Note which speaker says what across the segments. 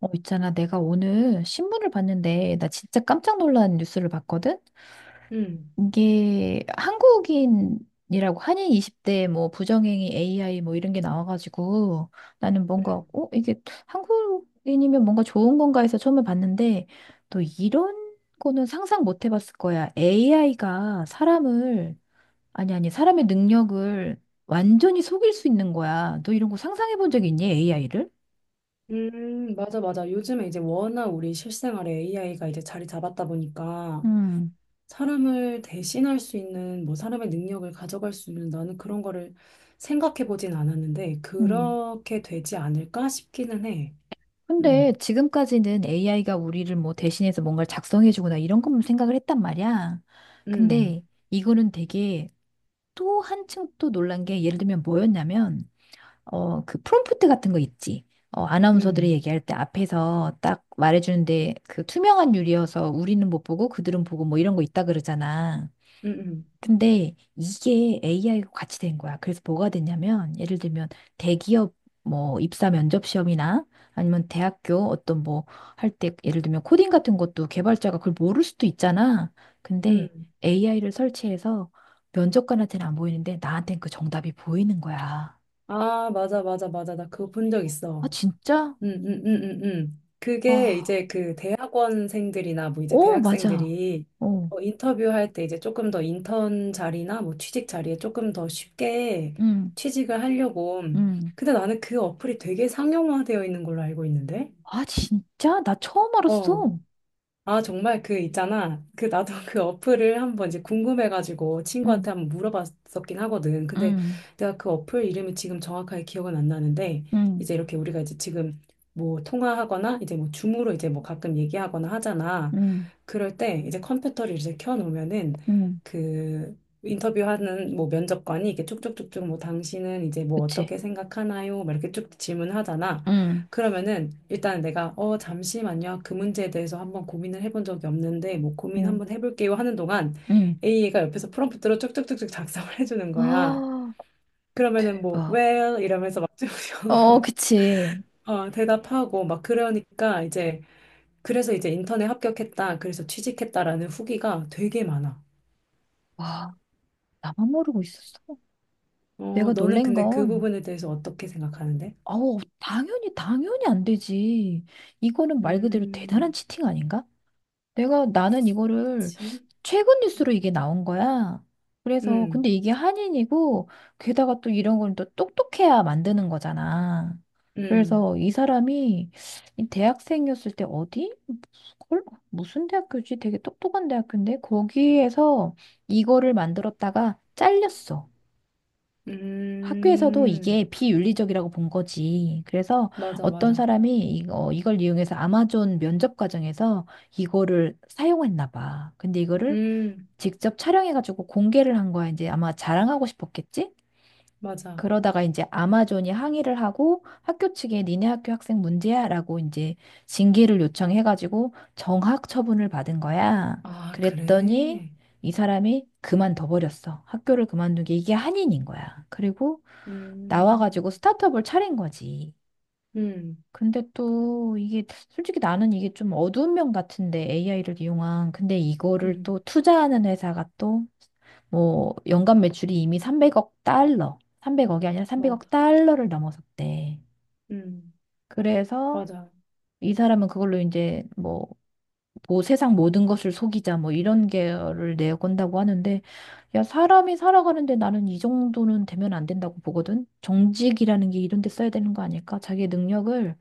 Speaker 1: 있잖아. 내가 오늘 신문을 봤는데, 나 진짜 깜짝 놀란 뉴스를 봤거든?
Speaker 2: 음,
Speaker 1: 이게 한국인이라고 한인 20대 뭐 부정행위 AI 뭐 이런 게 나와가지고 나는 뭔가,
Speaker 2: 음,
Speaker 1: 이게 한국인이면 뭔가 좋은 건가 해서 처음에 봤는데 또 이런 거는 상상 못 해봤을 거야. AI가 사람을, 아니, 아니, 사람의 능력을 완전히 속일 수 있는 거야. 너 이런 거 상상해 본 적 있니? AI를?
Speaker 2: 맞아, 맞아. 요즘에 이제 워낙 우리 실생활에 AI가 이제 자리 잡았다 보니까
Speaker 1: 음,
Speaker 2: 사람을 대신할 수 있는, 뭐 사람의 능력을 가져갈 수 있는, 나는 그런 거를 생각해 보진 않았는데
Speaker 1: 음.
Speaker 2: 그렇게 되지 않을까 싶기는 해.
Speaker 1: 근데
Speaker 2: 음,
Speaker 1: 지금까지는 AI가 우리를 뭐 대신해서 뭔가를 작성해주거나 이런 것만 생각을 했단 말이야.
Speaker 2: 음,
Speaker 1: 근데 이거는 되게 또 한층 또 놀란 게 예를 들면 뭐였냐면 그 프롬프트 같은 거 있지. 아나운서들이
Speaker 2: 음,
Speaker 1: 얘기할 때 앞에서 딱 말해주는데 그 투명한 유리여서 우리는 못 보고 그들은 보고 뭐 이런 거 있다 그러잖아.
Speaker 2: 음, 음,
Speaker 1: 근데 이게 AI가 같이 된 거야. 그래서 뭐가 됐냐면, 예를 들면 대기업 뭐 입사 면접 시험이나 아니면 대학교 어떤 뭐 할 때 예를 들면 코딩 같은 것도 개발자가 그걸 모를 수도 있잖아. 근데
Speaker 2: 음.
Speaker 1: AI를 설치해서 면접관한테는 안 보이는데 나한테는 그 정답이 보이는 거야.
Speaker 2: 아, 맞아, 맞아, 맞아. 나 그거 본 적
Speaker 1: 아,
Speaker 2: 있어.
Speaker 1: 진짜?
Speaker 2: 그게
Speaker 1: 와,
Speaker 2: 이제 그 대학원생들이나 뭐 이제
Speaker 1: 어, 맞아.
Speaker 2: 대학생들이
Speaker 1: 어,
Speaker 2: 인터뷰할 때 이제 조금 더 인턴 자리나 뭐 취직 자리에 조금 더 쉽게
Speaker 1: 응,
Speaker 2: 취직을 하려고.
Speaker 1: 응.
Speaker 2: 근데 나는 그 어플이 되게 상용화되어 있는 걸로 알고 있는데?
Speaker 1: 아, 진짜? 나 처음
Speaker 2: 어.
Speaker 1: 알았어.
Speaker 2: 아, 정말 그 있잖아. 그 나도 그 어플을 한번 이제 궁금해가지고
Speaker 1: 응,
Speaker 2: 친구한테 한번 물어봤었긴 하거든. 근데
Speaker 1: 응,
Speaker 2: 내가 그 어플 이름이 지금 정확하게 기억은 안 나는데,
Speaker 1: 응,
Speaker 2: 이제 이렇게 우리가 이제 지금 뭐 통화하거나 이제 뭐 줌으로 이제 뭐 가끔 얘기하거나 하잖아.
Speaker 1: 응,
Speaker 2: 그럴 때 이제 컴퓨터를 이제 켜놓으면은,
Speaker 1: 응.
Speaker 2: 그 인터뷰하는 뭐 면접관이 이렇게 쭉쭉쭉쭉, 뭐 당신은 이제 뭐
Speaker 1: 그치?
Speaker 2: 어떻게 생각하나요? 막 이렇게 쭉 질문하잖아.
Speaker 1: 응,
Speaker 2: 그러면은 일단 내가 잠시만요, 그 문제에 대해서 한번 고민을 해본 적이 없는데 뭐 고민
Speaker 1: 응,
Speaker 2: 한번 해볼게요 하는 동안
Speaker 1: 응.
Speaker 2: A가 옆에서 프롬프트로 쭉쭉쭉쭉 작성을 해주는 거야.
Speaker 1: 아,
Speaker 2: 그러면은 뭐
Speaker 1: 대박.
Speaker 2: well 이러면서 막중형으로
Speaker 1: 어, 그치.
Speaker 2: 대답하고 막. 그러니까 이제 그래서 이제 인턴에 합격했다 그래서 취직했다라는 후기가 되게 많아.
Speaker 1: 와, 나만 모르고 있었어. 내가
Speaker 2: 너는
Speaker 1: 놀란
Speaker 2: 근데 그
Speaker 1: 건,
Speaker 2: 부분에 대해서 어떻게 생각하는데?
Speaker 1: 아우, 당연히, 당연히 안 되지. 이거는 말 그대로 대단한
Speaker 2: 음,
Speaker 1: 치팅 아닌가? 내가 나는 이거를
Speaker 2: 그치?
Speaker 1: 최근 뉴스로 이게 나온 거야. 그래서 근데
Speaker 2: 음,
Speaker 1: 이게 한인이고 게다가 또 이런 건 또 똑똑해야 만드는 거잖아.
Speaker 2: 음,
Speaker 1: 그래서 이 사람이 이 대학생이었을 때 어디? 헐? 무슨 대학교지? 되게 똑똑한 대학교인데 거기에서 이거를 만들었다가 잘렸어. 학교에서도
Speaker 2: 음,
Speaker 1: 이게 비윤리적이라고 본 거지. 그래서
Speaker 2: 맞아,
Speaker 1: 어떤
Speaker 2: 맞아.
Speaker 1: 사람이 이걸 이용해서 아마존 면접 과정에서 이거를 사용했나 봐. 근데 이거를
Speaker 2: 음.
Speaker 1: 직접 촬영해가지고 공개를 한 거야. 이제 아마 자랑하고 싶었겠지?
Speaker 2: 맞아.
Speaker 1: 그러다가 이제 아마존이 항의를 하고 학교 측에 니네 학교 학생 문제야라고 이제 징계를 요청해가지고 정학 처분을 받은 거야.
Speaker 2: 아,
Speaker 1: 그랬더니
Speaker 2: 그래?
Speaker 1: 이 사람이 그만둬 버렸어. 학교를 그만두게 이게 한인인 거야. 그리고
Speaker 2: 음,
Speaker 1: 나와가지고 스타트업을 차린 거지.
Speaker 2: 음,
Speaker 1: 근데 또 이게 솔직히 나는 이게 좀 어두운 면 같은데 AI를 이용한 근데 이거를
Speaker 2: 음,
Speaker 1: 또 투자하는 회사가 또 뭐 연간 매출이 이미 300억 달러, 300억이 아니라 300억
Speaker 2: 맞아.
Speaker 1: 달러를 넘어섰대.
Speaker 2: 음,
Speaker 1: 그래서
Speaker 2: 맞아.
Speaker 1: 이 사람은 그걸로 이제 뭐 세상 모든 것을 속이자 뭐 이런 계열을 내건다고 하는데 야 사람이 살아가는데 나는 이 정도는 되면 안 된다고 보거든. 정직이라는 게 이런 데 써야 되는 거 아닐까? 자기의 능력을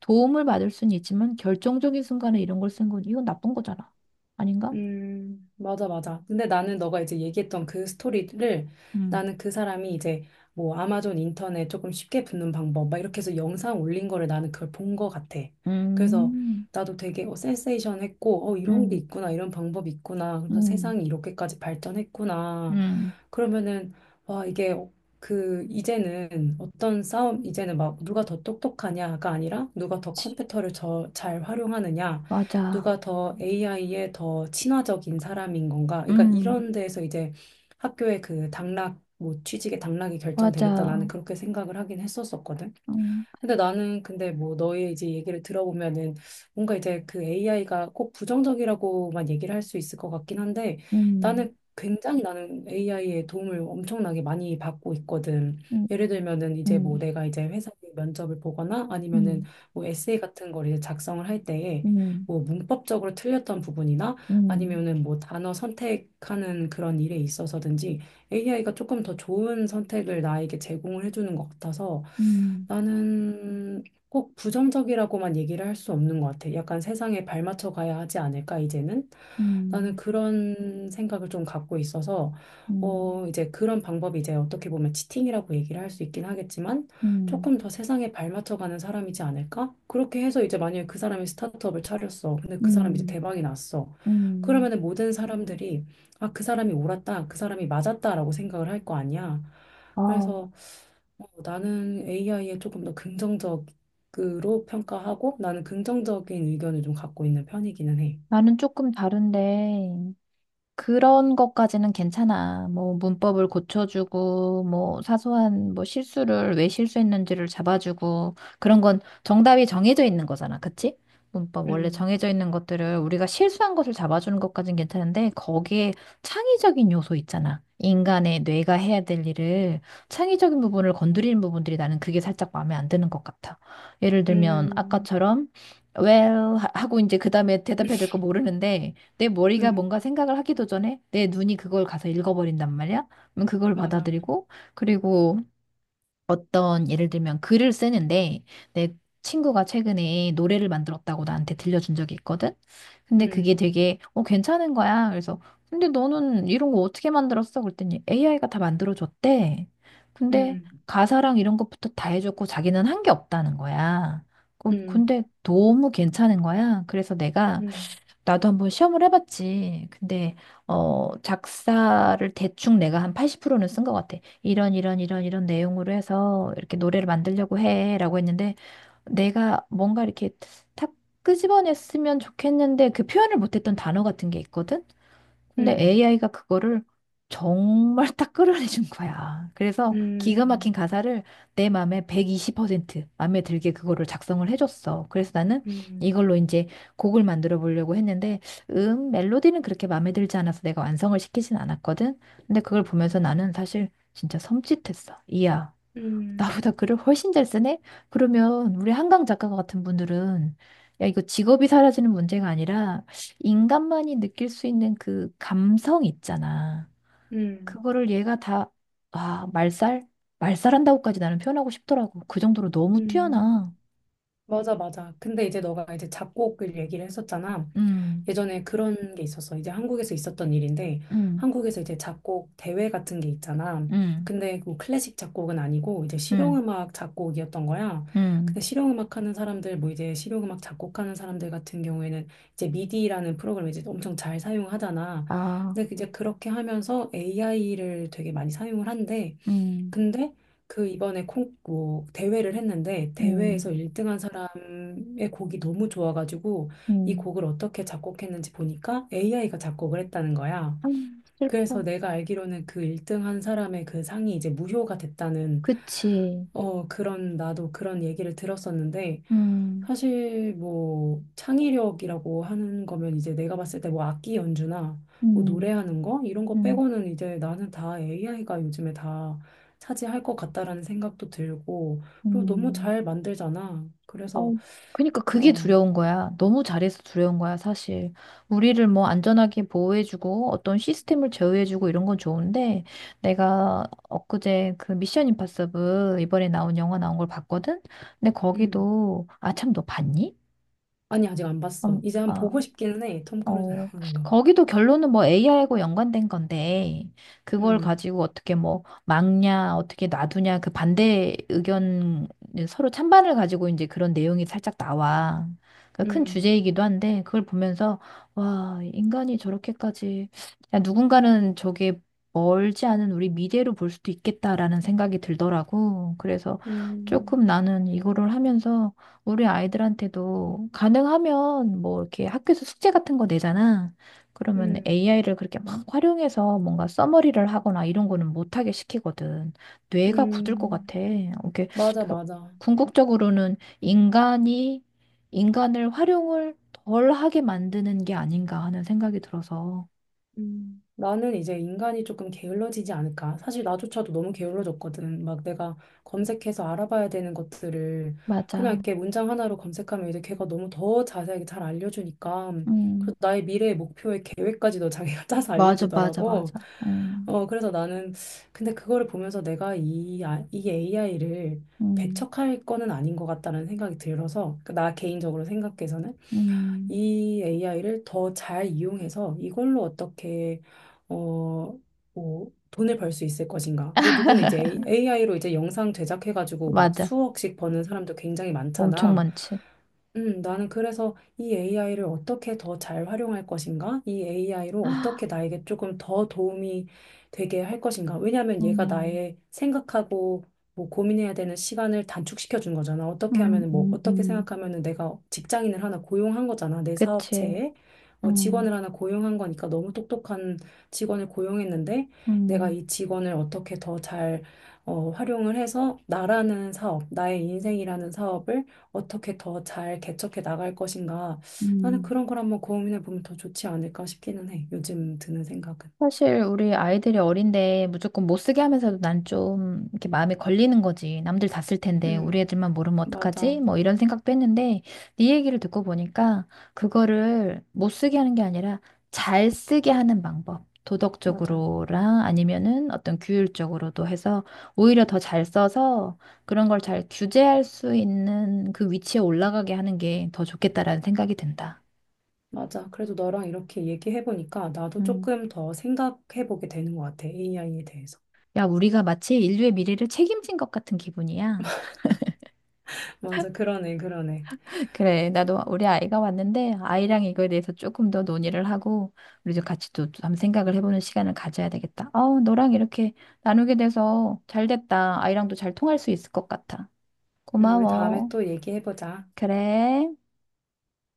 Speaker 1: 도움을 받을 수는 있지만 결정적인 순간에 이런 걸 쓴 건 이건 나쁜 거잖아. 아닌가?
Speaker 2: 맞아, 맞아. 근데 나는 너가 이제 얘기했던 그 스토리를,
Speaker 1: 음.
Speaker 2: 나는 그 사람이 이제 뭐 아마존 인터넷 조금 쉽게 붙는 방법 막 이렇게 해서 영상 올린 거를, 나는 그걸 본 거 같아. 그래서
Speaker 1: 음.
Speaker 2: 나도 되게 센세이션 했고, 이런 게
Speaker 1: 음.
Speaker 2: 있구나, 이런 방법이 있구나. 그래서
Speaker 1: 음.
Speaker 2: 세상이 이렇게까지 발전했구나.
Speaker 1: 음.
Speaker 2: 그러면은, 와, 이게 그, 이제는 어떤 싸움, 이제는 막 누가 더 똑똑하냐가 아니라 누가 더 컴퓨터를 저, 잘 활용하느냐.
Speaker 1: 맞아.
Speaker 2: 누가 더 AI에 더 친화적인 사람인 건가? 그러니까
Speaker 1: 음.
Speaker 2: 이런 데에서 이제 학교의 그 당락, 뭐 취직의 당락이 결정되겠다. 나는
Speaker 1: 맞아.
Speaker 2: 그렇게 생각을 하긴 했었었거든.
Speaker 1: 음.
Speaker 2: 근데 나는 근데 뭐 너의 이제 얘기를 들어보면은 뭔가 이제 그 AI가 꼭 부정적이라고만 얘기를 할 수 있을 것 같긴 한데,
Speaker 1: 음.
Speaker 2: 나는 굉장히, 나는 AI의 도움을 엄청나게 많이 받고 있거든.
Speaker 1: 음.
Speaker 2: 예를 들면은 이제 뭐
Speaker 1: 음.
Speaker 2: 내가 이제 회사에 면접을 보거나, 아니면은 뭐 에세이 같은 걸 이제 작성을 할 때에
Speaker 1: 음.
Speaker 2: 뭐 문법적으로 틀렸던 부분이나,
Speaker 1: 음. 음.
Speaker 2: 아니면은 뭐 단어 선택하는 그런 일에 있어서든지 AI가 조금 더 좋은 선택을 나에게 제공을 해주는 것 같아서,
Speaker 1: 음.
Speaker 2: 나는 꼭 부정적이라고만 얘기를 할 수 없는 것 같아. 약간 세상에 발맞춰 가야 하지 않을까, 이제는? 나는
Speaker 1: 음.
Speaker 2: 그런 생각을 좀 갖고 있어서,
Speaker 1: 음,
Speaker 2: 이제 그런 방법이 이제 어떻게 보면 치팅이라고 얘기를 할 수 있긴 하겠지만,
Speaker 1: 음,
Speaker 2: 조금 더 세상에 발맞춰 가는 사람이지 않을까? 그렇게 해서 이제 만약에 그 사람이 스타트업을 차렸어. 근데 그 사람이 이제
Speaker 1: 음,
Speaker 2: 대박이 났어.
Speaker 1: 음.
Speaker 2: 그러면은 모든 사람들이 아, 그 사람이 옳았다, 그 사람이 맞았다라고 생각을 할 거 아니야.
Speaker 1: 아,
Speaker 2: 그래서 나는 AI에 조금 더 긍정적으로 평가하고, 나는 긍정적인 의견을 좀 갖고 있는 편이기는 해.
Speaker 1: 나는 조금 다른데, 그런 것까지는 괜찮아. 뭐 문법을 고쳐주고 뭐 사소한 뭐 실수를 왜 실수했는지를 잡아주고 그런 건 정답이 정해져 있는 거잖아. 그치? 문법 원래
Speaker 2: 음,
Speaker 1: 정해져 있는 것들을 우리가 실수한 것을 잡아주는 것까진 괜찮은데 거기에 창의적인 요소 있잖아. 인간의 뇌가 해야 될 일을 창의적인 부분을 건드리는 부분들이 나는 그게 살짝 마음에 안 드는 것 같아. 예를 들면
Speaker 2: 음,
Speaker 1: 아까처럼 well 하고 이제 그다음에 대답해야 될 거 모르는데 내 머리가
Speaker 2: 음,
Speaker 1: 뭔가 생각을 하기도 전에 내 눈이 그걸 가서 읽어버린단 말이야. 그럼 그걸
Speaker 2: 맞아.
Speaker 1: 받아들이고, 그리고 어떤 예를 들면 글을 쓰는데 내 친구가 최근에 노래를 만들었다고 나한테 들려준 적이 있거든. 근데 그게
Speaker 2: 음,
Speaker 1: 되게 괜찮은 거야. 그래서 근데 너는 이런 거 어떻게 만들었어? 그랬더니 AI가 다 만들어줬대. 근데
Speaker 2: 음,
Speaker 1: 가사랑 이런 것부터 다 해줬고 자기는 한 게 없다는 거야.
Speaker 2: 음,
Speaker 1: 근데 너무 괜찮은 거야. 그래서 내가
Speaker 2: 음,
Speaker 1: 나도 한번 시험을 해봤지. 근데, 작사를 대충 내가 한 80%는 쓴 것 같아. 이런 내용으로 해서 이렇게 노래를 만들려고 해. 라고 했는데, 내가 뭔가 이렇게 탁 끄집어냈으면 좋겠는데, 그 표현을 못했던 단어 같은 게 있거든? 근데
Speaker 2: 음,
Speaker 1: AI가 그거를 정말 딱 끌어내준 거야. 그래서 기가 막힌
Speaker 2: 음,
Speaker 1: 가사를 내 마음에 120% 마음에 들게 그거를 작성을 해줬어. 그래서 나는
Speaker 2: 음,
Speaker 1: 이걸로 이제 곡을 만들어 보려고 했는데, 멜로디는 그렇게 마음에 들지 않아서 내가 완성을 시키진 않았거든. 근데 그걸 보면서 나는 사실 진짜 섬찟했어. 이야,
Speaker 2: 음,
Speaker 1: 나보다 글을 훨씬 잘 쓰네? 그러면 우리 한강 작가 같은 분들은 야, 이거 직업이 사라지는 문제가 아니라 인간만이 느낄 수 있는 그 감성 있잖아.
Speaker 2: 음,
Speaker 1: 그거를 얘가 다, 아, 말살? 말살한다고까지 나는 표현하고 싶더라고. 그 정도로 너무
Speaker 2: 음.
Speaker 1: 뛰어나.
Speaker 2: 맞아, 맞아. 근데 이제 너가 이제 작곡을 얘기를 했었잖아.
Speaker 1: 음,
Speaker 2: 예전에 그런 게 있었어. 이제 한국에서 있었던 일인데,
Speaker 1: 음,
Speaker 2: 한국에서 이제 작곡 대회 같은 게 있잖아.
Speaker 1: 음,
Speaker 2: 근데 그 클래식 작곡은 아니고, 이제
Speaker 1: 음,
Speaker 2: 실용음악 작곡이었던 거야. 근데
Speaker 1: 음.
Speaker 2: 실용음악 하는 사람들, 뭐 이제 실용음악 작곡하는 사람들 같은 경우에는 이제 미디라는 프로그램을 이제 엄청 잘 사용하잖아.
Speaker 1: 아,
Speaker 2: 근데 이제 그렇게 하면서 AI를 되게 많이 사용을 한대.
Speaker 1: 음,
Speaker 2: 근데 그 이번에 콩, 뭐 대회를 했는데, 대회에서
Speaker 1: 음,
Speaker 2: 1등한 사람의 곡이 너무 좋아가지고 이
Speaker 1: 음.
Speaker 2: 곡을 어떻게 작곡했는지 보니까 AI가 작곡을 했다는 거야.
Speaker 1: 아,
Speaker 2: 그래서
Speaker 1: 슬퍼.
Speaker 2: 내가 알기로는 그 1등한 사람의 그 상이 이제 무효가 됐다는,
Speaker 1: 그치.
Speaker 2: 어, 그런, 나도 그런 얘기를 들었었는데,
Speaker 1: 음,
Speaker 2: 사실 뭐 창의력이라고 하는 거면 이제 내가 봤을 때 뭐 악기 연주나 뭐
Speaker 1: 음,
Speaker 2: 노래하는 거 이런 거
Speaker 1: 음,
Speaker 2: 빼고는 이제 나는 다 AI가 요즘에 다 차지할 것 같다라는 생각도 들고, 그리고 너무
Speaker 1: 음.
Speaker 2: 잘 만들잖아.
Speaker 1: 어,
Speaker 2: 그래서,
Speaker 1: 그러니까 그게
Speaker 2: 어,
Speaker 1: 두려운 거야. 너무 잘해서 두려운 거야, 사실. 우리를 뭐 안전하게 보호해주고 어떤 시스템을 제어해주고 이런 건 좋은데 내가 엊그제 그 미션 임파서블 이번에 나온 영화 나온 걸 봤거든? 근데
Speaker 2: 음.
Speaker 1: 거기도 아, 참, 너 봤니?
Speaker 2: 아니, 아직 안
Speaker 1: 어,
Speaker 2: 봤어. 이제 한 번
Speaker 1: 아,
Speaker 2: 보고 싶기는 해. 톰 크루즈
Speaker 1: 어,
Speaker 2: 나오는 거.
Speaker 1: 거기도 결론은 뭐 AI하고 연관된 건데, 그걸
Speaker 2: 음,
Speaker 1: 가지고 어떻게 뭐 막냐, 어떻게 놔두냐, 그 반대 의견, 예, 서로 찬반을 가지고 이제 그런 내용이 살짝 나와. 그큰
Speaker 2: 음,
Speaker 1: 주제이기도 한데, 그걸 보면서, 와, 인간이 저렇게까지, 야, 누군가는 저게 멀지 않은 우리 미래로 볼 수도 있겠다라는 생각이 들더라고. 그래서
Speaker 2: 음,
Speaker 1: 조금 나는 이거를 하면서 우리 아이들한테도 가능하면 뭐 이렇게 학교에서 숙제 같은 거 내잖아. 그러면
Speaker 2: 음,
Speaker 1: AI를 그렇게 막 활용해서 뭔가 써머리를 하거나 이런 거는 못하게 시키거든. 뇌가 굳을 것
Speaker 2: 음.
Speaker 1: 같아. 이렇게
Speaker 2: 맞아,
Speaker 1: 그-
Speaker 2: 맞아.
Speaker 1: 궁극적으로는 인간이 인간을 활용을 덜 하게 만드는 게 아닌가 하는 생각이 들어서.
Speaker 2: 음. 나는 이제 인간이 조금 게을러지지 않을까? 사실 나조차도 너무 게을러졌거든. 막 내가 검색해서 알아봐야 되는 것들을 그냥
Speaker 1: 맞아.
Speaker 2: 이렇게 문장 하나로 검색하면 이제 걔가 너무 더 자세하게 잘 알려주니까.
Speaker 1: 음.
Speaker 2: 그래서 나의 미래의 목표의 계획까지도 자기가 짜서
Speaker 1: 맞아, 맞아,
Speaker 2: 알려주더라고.
Speaker 1: 맞아. 음.
Speaker 2: 그래서 나는, 근데 그거를 보면서 내가 이, 아- 이 AI를
Speaker 1: 음.
Speaker 2: 배척할 거는 아닌 것 같다는 생각이 들어서, 그나 개인적으로 생각해서는
Speaker 1: 음.
Speaker 2: 이 AI를 더 잘 이용해서 이걸로 어떻게, 어, 뭐 돈을 벌 수 있을 것인가? 뭐 누구는 이제 AI로 이제 영상 제작해가지고 막
Speaker 1: 맞아.
Speaker 2: 수억씩 버는 사람도 굉장히
Speaker 1: 엄청
Speaker 2: 많잖아.
Speaker 1: 많지.
Speaker 2: 나는 그래서 이 AI를 어떻게 더 잘 활용할 것인가? 이 AI로 어떻게 나에게 조금 더 도움이 되게 할 것인가? 왜냐하면 얘가
Speaker 1: 음,
Speaker 2: 나의 생각하고 뭐 고민해야 되는 시간을 단축시켜 준 거잖아. 어떻게
Speaker 1: 음,
Speaker 2: 하면은 뭐
Speaker 1: 음,
Speaker 2: 어떻게
Speaker 1: 음.
Speaker 2: 생각하면은 내가 직장인을 하나 고용한 거잖아. 내
Speaker 1: 그치.
Speaker 2: 사업체에
Speaker 1: 음,
Speaker 2: 직원을 하나 고용한 거니까. 너무 똑똑한 직원을 고용했는데, 내가
Speaker 1: 음,
Speaker 2: 이 직원을 어떻게 더잘 활용을 해서 나라는 사업, 나의 인생이라는 사업을 어떻게 더 잘 개척해 나갈 것인가. 나는
Speaker 1: 음.
Speaker 2: 그런 걸 한번 고민해 보면 더 좋지 않을까 싶기는 해. 요즘 드는 생각은.
Speaker 1: 사실 우리 아이들이 어린데 무조건 못 쓰게 하면서도 난 좀 이렇게 마음에 걸리는 거지. 남들 다 쓸 텐데 우리
Speaker 2: 음,
Speaker 1: 애들만 모르면
Speaker 2: 맞아,
Speaker 1: 어떡하지? 뭐 이런 생각도 했는데 네 얘기를 듣고 보니까 그거를 못 쓰게 하는 게 아니라 잘 쓰게 하는 방법.
Speaker 2: 맞아,
Speaker 1: 도덕적으로랑 아니면은 어떤 규율적으로도 해서 오히려 더 잘 써서 그런 걸 잘 규제할 수 있는 그 위치에 올라가게 하는 게 더 좋겠다라는 생각이 든다.
Speaker 2: 맞아. 그래도 너랑 이렇게 얘기해 보니까 나도
Speaker 1: 음.
Speaker 2: 조금 더 생각해 보게 되는 것 같아. AI에 대해서.
Speaker 1: 야, 우리가 마치 인류의 미래를 책임진 것 같은 기분이야.
Speaker 2: 맞아, 그러네, 그러네.
Speaker 1: 그래, 나도 우리 아이가 왔는데 아이랑 이거에 대해서 조금 더 논의를 하고 우리도 같이 또 한번 생각을 해보는 시간을 가져야 되겠다. 아우, 너랑 이렇게 나누게 돼서 잘 됐다. 아이랑도 잘 통할 수 있을 것 같아.
Speaker 2: 우리 다음에
Speaker 1: 고마워.
Speaker 2: 또 얘기해 보자.
Speaker 1: 그래.